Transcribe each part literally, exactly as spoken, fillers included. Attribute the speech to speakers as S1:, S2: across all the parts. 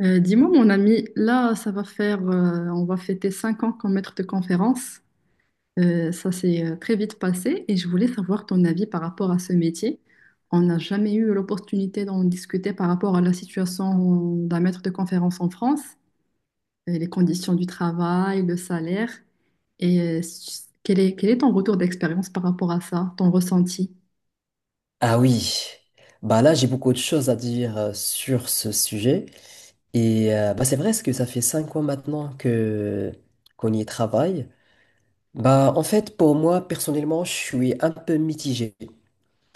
S1: Euh, dis-moi, mon ami, là, ça va faire, euh, on va fêter cinq ans comme maître de conférence. Euh, ça s'est euh, très vite passé et je voulais savoir ton avis par rapport à ce métier. On n'a jamais eu l'opportunité d'en discuter par rapport à la situation d'un maître de conférence en France, euh, les conditions du travail, le salaire. Et euh, quel est, quel est ton retour d'expérience par rapport à ça, ton ressenti?
S2: Ah oui, bah là j'ai beaucoup de choses à dire euh, sur ce sujet et euh, bah c'est vrai parce que ça fait cinq ans maintenant que qu'on y travaille. Bah en fait pour moi personnellement je suis un peu mitigé.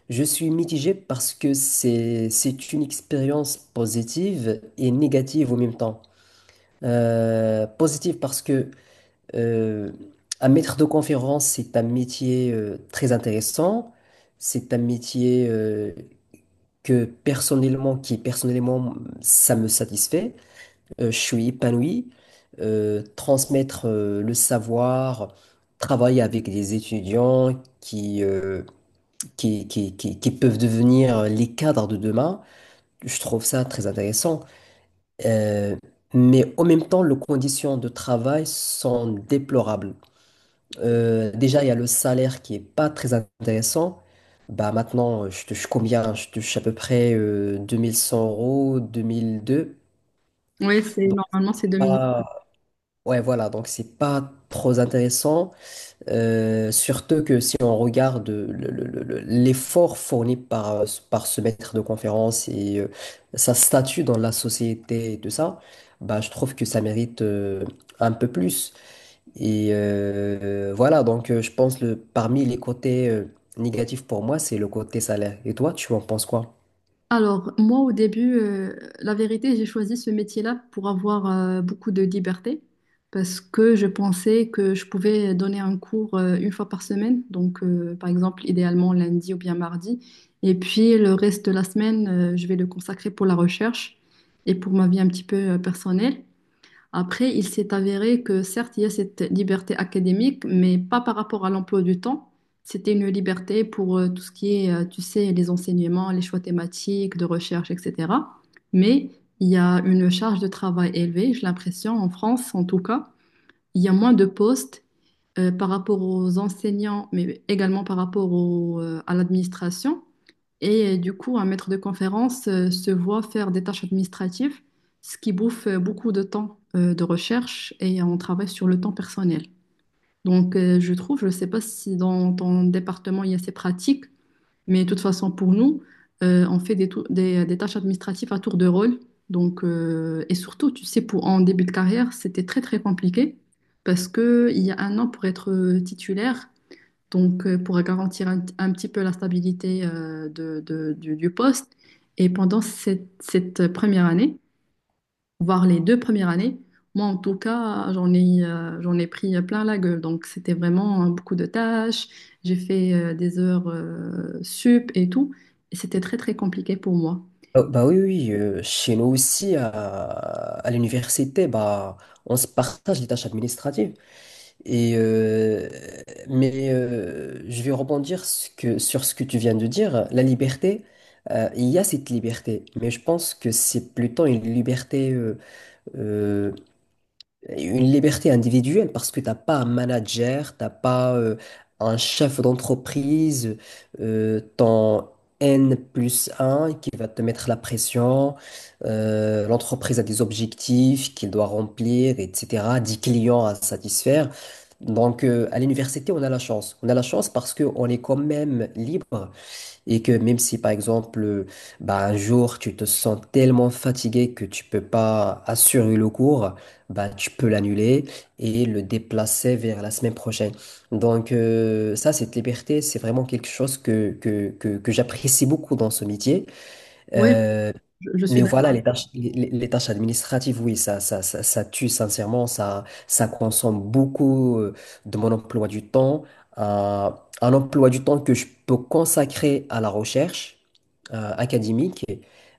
S2: Je suis mitigé parce que c'est c'est une expérience positive et négative au même temps. Euh, positive parce que euh, un maître de conférence c'est un métier euh, très intéressant, c'est un métier euh, que personnellement, qui personnellement, ça me satisfait, euh, je suis épanoui, euh, transmettre euh, le savoir, travailler avec des étudiants qui, euh, qui, qui, qui, qui peuvent devenir les cadres de demain, je trouve ça très intéressant. Euh, mais en même temps, les conditions de travail sont déplorables. Euh, déjà, il y a le salaire qui est pas très intéressant. Bah, maintenant, euh, je touche combien? Je touche à peu près euh, deux mille cent euros, deux mille deux.
S1: Oui, c'est
S2: Donc,
S1: normalement, c'est deux...
S2: pas... ouais, voilà. Donc, c'est pas trop intéressant. Euh, surtout que si on regarde le- le- le- le- l'effort fourni par, euh, par ce maître de conférence et euh, sa statut dans la société et tout ça, bah, je trouve que ça mérite euh, un peu plus. Et euh, voilà, donc euh, je pense le parmi les côtés euh, négatifs pour moi, c'est le côté salaire. Et toi, tu en penses quoi?
S1: Alors, moi, au début, euh, la vérité, j'ai choisi ce métier-là pour avoir euh, beaucoup de liberté parce que je pensais que je pouvais donner un cours euh, une fois par semaine, donc euh, par exemple, idéalement lundi ou bien mardi. Et puis, le reste de la semaine, euh, je vais le consacrer pour la recherche et pour ma vie un petit peu euh, personnelle. Après, il s'est avéré que certes, il y a cette liberté académique, mais pas par rapport à l'emploi du temps. C'était une liberté pour euh, tout ce qui est, euh, tu sais, les enseignements, les choix thématiques, de recherche, et cetera. Mais il y a une charge de travail élevée, j'ai l'impression, en France en tout cas. Il y a moins de postes euh, par rapport aux enseignants, mais également par rapport au, euh, à l'administration. Et euh, du coup, un maître de conférence euh, se voit faire des tâches administratives, ce qui bouffe euh, beaucoup de temps euh, de recherche et on travaille sur le temps personnel. Donc, euh, je trouve, je ne sais pas si dans ton département il y a ces pratiques, mais de toute façon, pour nous, euh, on fait des, tou- des- des tâches administratives à tour de rôle. Donc, euh, et surtout, tu sais, pour, en début de carrière, c'était très, très compliqué parce qu'il y a un an pour être euh, titulaire, donc euh, pour garantir un, un petit peu la stabilité euh, de- de- du, du poste. Et pendant cette, cette première année, voire les deux premières années, moi en tout cas, j'en ai, euh, j'en ai pris plein la gueule. Donc c'était vraiment euh, beaucoup de tâches, j'ai fait euh, des heures euh, sup et tout, et c'était très très compliqué pour moi.
S2: Oh, bah oui, oui, euh, chez nous aussi, à, à l'université, bah, on se partage les tâches administratives. Et, euh, mais euh, je vais rebondir ce que- sur ce que tu viens de dire. La liberté, euh, il y a cette liberté, mais je pense que c'est plutôt une liberté euh, euh, une liberté individuelle parce que t'as pas un manager, t'as pas euh, un chef d'entreprise, euh, ton N plus un qui va te mettre la pression, euh, l'entreprise a des objectifs qu'il doit remplir, et cetera, dix clients à satisfaire. Donc euh, à l'université, on a la chance. On a la chance parce qu'on est quand même libre et que même si par exemple, euh, bah, un jour tu te sens tellement fatigué que tu peux pas assurer le cours, bah, tu peux l'annuler et le déplacer vers la semaine prochaine. Donc euh, ça, cette liberté, c'est vraiment quelque chose que, que, que, que j'apprécie beaucoup dans ce métier.
S1: Oui,
S2: Euh,
S1: je, je suis
S2: mais
S1: d'accord.
S2: voilà, les tâches, les, les- les tâches administratives, oui, ça, ça, ça, ça tue sincèrement, ça, ça consomme beaucoup euh, de mon emploi du temps, un, un emploi du temps que je peux consacrer à la recherche euh, académique,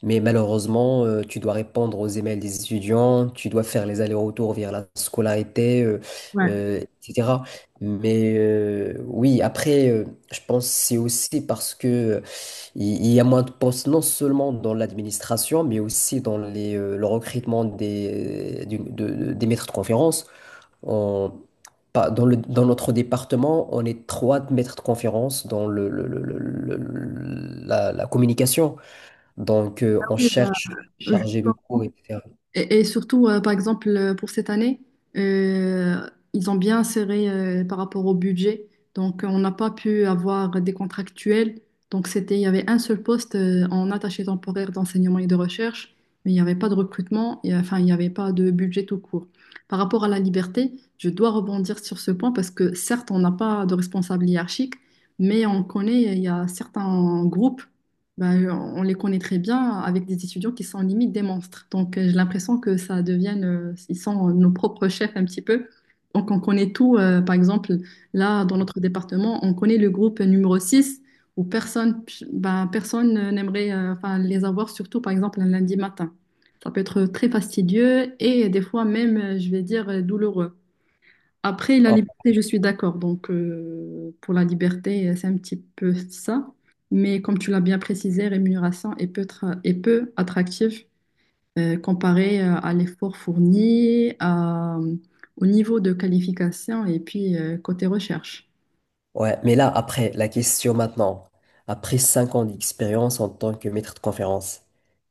S2: mais malheureusement, euh, tu dois répondre aux emails des étudiants, tu dois faire les allers-retours vers la scolarité, euh,
S1: Ouais.
S2: euh, et cetera. Mais euh, oui, après, euh, je pense que c'est aussi parce que il il y a moins de postes non seulement dans l'administration, mais aussi dans les, euh, le recrutement des, du- de- des maîtres de conférence. On- pas- dans le- dans notre département, on est trois maîtres de conférence dans le, le- le- le- le- le- la, la communication. Donc, euh, on cherche
S1: Oui.
S2: chargé de cours, et cetera.
S1: Et, et surtout, euh, par exemple, euh, pour cette année, euh, ils ont bien serré euh, par rapport au budget. Donc, on n'a pas pu avoir des contractuels. Donc, c'était, il y avait un seul poste euh, en attaché temporaire d'enseignement et de recherche, mais il n'y avait pas de recrutement, et, euh, enfin, il n'y avait pas de budget tout court. Par rapport à la liberté, je dois rebondir sur ce point parce que certes, on n'a pas de responsable hiérarchique, mais on connaît, il y a certains groupes, bah, euh, on les connaît très bien avec des étudiants qui sont limite des monstres. Donc, euh, j'ai l'impression que ça devienne, euh, ils sont euh, nos propres chefs un petit peu. Donc, on connaît tout. Euh, par exemple, là, dans notre département, on connaît le groupe numéro six où personne, bah, personne euh, n'aimerait euh, enfin, les avoir, surtout par exemple un lundi matin. Ça peut être très fastidieux et des fois même, euh, je vais dire, euh, douloureux. Après, la
S2: Ah,
S1: liberté, je suis d'accord. Donc, euh, pour la liberté, euh, c'est un petit peu ça. Mais comme tu l'as bien précisé, rémunération est peu, tra- est peu attractive euh, comparée euh, à l'effort fourni, à- au niveau de qualification et puis euh, côté recherche.
S2: ouais, mais là, après, la question maintenant, après cinq ans d'expérience en tant que maître de conférence,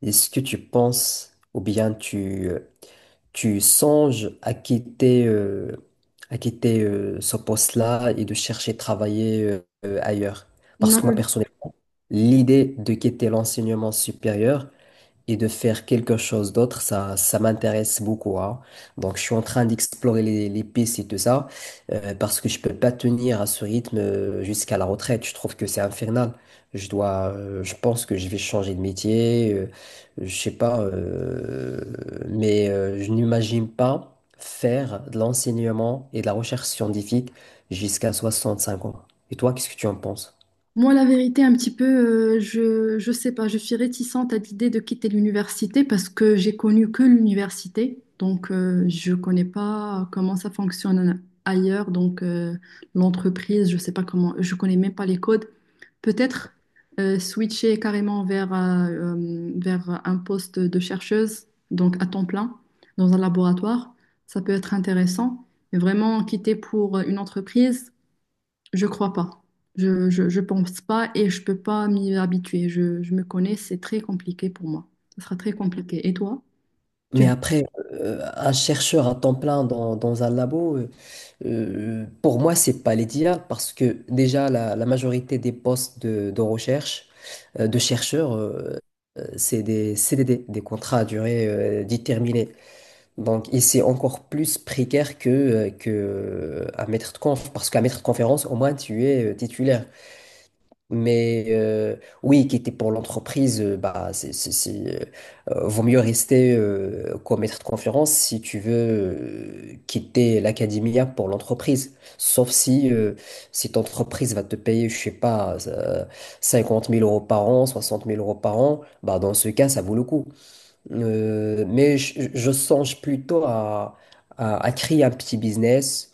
S2: est-ce que tu penses ou bien tu... euh, tu songes à quitter, euh, à quitter euh, ce poste-là et de chercher à travailler euh, euh, ailleurs. Parce que moi,
S1: Non.
S2: personnellement, l'idée de quitter l'enseignement supérieur, et de faire quelque chose d'autre, ça, ça m'intéresse beaucoup. Hein. Donc, je suis en train d'explorer les, les pistes et tout ça, euh, parce que je peux pas tenir à ce rythme euh, jusqu'à la retraite. Je trouve que c'est infernal. Je dois, euh, je pense que je vais changer de métier, euh, je sais pas, euh, mais euh, je n'imagine pas faire de l'enseignement et de la recherche scientifique jusqu'à soixante-cinq ans. Et toi, qu'est-ce que tu en penses?
S1: Moi, la vérité, un petit peu, euh, je, je sais pas, je suis réticente à l'idée de quitter l'université parce que j'ai connu que l'université, donc euh, je connais pas comment ça fonctionne ailleurs, donc euh, l'entreprise, je sais pas comment, je connais même pas les codes. Peut-être euh, switcher carrément vers, euh, euh, vers un poste de chercheuse, donc à temps plein, dans un laboratoire, ça peut être intéressant. Mais vraiment quitter pour une entreprise. Je crois pas. Je, je, je pense pas et je peux pas m'y habituer. Je, je me connais, c'est très compliqué pour moi. Ce sera très compliqué. Et toi? Tu
S2: Mais après, euh, un chercheur à temps plein dans, dans un labo, euh, euh, pour moi, c'est pas l'idéal parce que déjà, la, la majorité des postes de, de recherche, euh, de chercheurs, euh, euh, c'est des C D D, des contrats à durée euh, déterminée. Donc, et c'est encore plus précaire que, euh, que euh, un maître de conf parce qu'un maître de conférence, au moins, tu es euh, titulaire. Mais euh, oui, quitter pour l'entreprise, euh, bah, c'est, c'est, c'est, euh, euh, vaut mieux rester euh, comme maître de conférence si tu veux euh, quitter l'académia pour l'entreprise. Sauf si euh, cette entreprise va te payer, je sais pas, euh, cinquante mille euros par an, soixante mille euros par an, bah, dans ce cas, ça vaut le coup. Euh, mais je, je songe plutôt à, à, à créer un petit business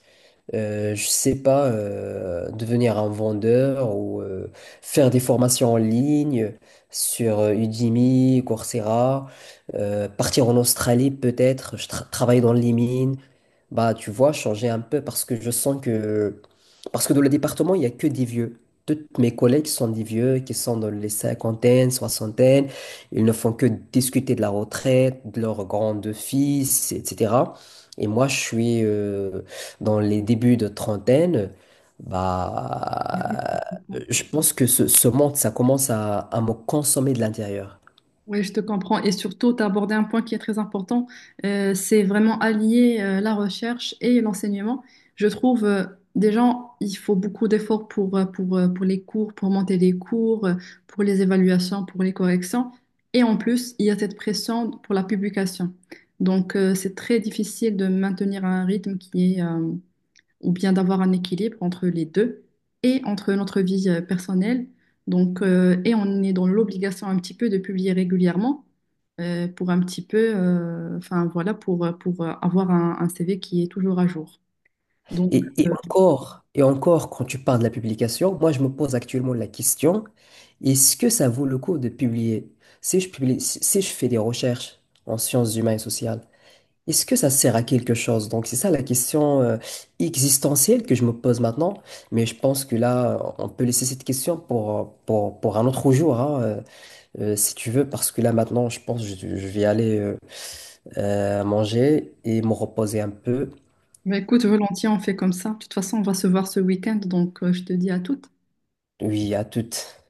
S2: euh, je sais pas, euh, devenir un vendeur ou euh, faire des formations en ligne sur euh, Udemy, Coursera, euh, partir en Australie peut-être, je tra- travailler dans les mines, bah, tu vois, changer un peu parce que je sens que... Parce que dans le département, il n'y a que des vieux. Toutes mes collègues sont des vieux qui sont dans les cinquantaines, soixantaines. Ils ne font que discuter de la retraite, de leurs grands-fils, et cetera. Et moi, je suis euh, dans les débuts de trentaine.
S1: veux...
S2: Bah, je pense que ce, ce monde, ça commence à, à me consommer de l'intérieur.
S1: Oui, je te comprends. Et surtout, tu as abordé un point qui est très important. Euh, c'est vraiment allier euh, la recherche et l'enseignement. Je trouve, euh, déjà, il faut beaucoup d'efforts pour, euh, pour, euh, pour les cours, pour monter les cours, euh, pour les évaluations, pour les corrections. Et en plus, il y a cette pression pour la publication. Donc, euh, c'est très difficile de maintenir un rythme qui est, euh, ou bien d'avoir un équilibre entre les deux et entre notre vie euh, personnelle. Donc, euh, et on est dans l'obligation un petit peu de publier régulièrement euh, pour un petit peu, euh, enfin voilà, pour, euh, pour euh, avoir un, un C V qui est toujours à jour. Donc,
S2: Et, et
S1: euh,
S2: encore, et encore, quand tu parles de la publication, moi je me pose actuellement la question, est-ce que ça vaut le coup de publier? Si je publie, si si je fais des recherches en sciences humaines et sociales, est-ce que ça sert à quelque chose? Donc c'est ça la question euh, existentielle que je me pose maintenant, mais je pense que là, on peut laisser cette question pour, euh, pour, pour un autre jour, hein, euh, euh, si tu veux, parce que là maintenant, je pense que je, je vais aller euh, euh, manger et me reposer un peu.
S1: bah, écoute, volontiers, on fait comme ça. De toute façon, on va se voir ce week-end, donc euh, je te dis à toutes.
S2: Oui, à toutes.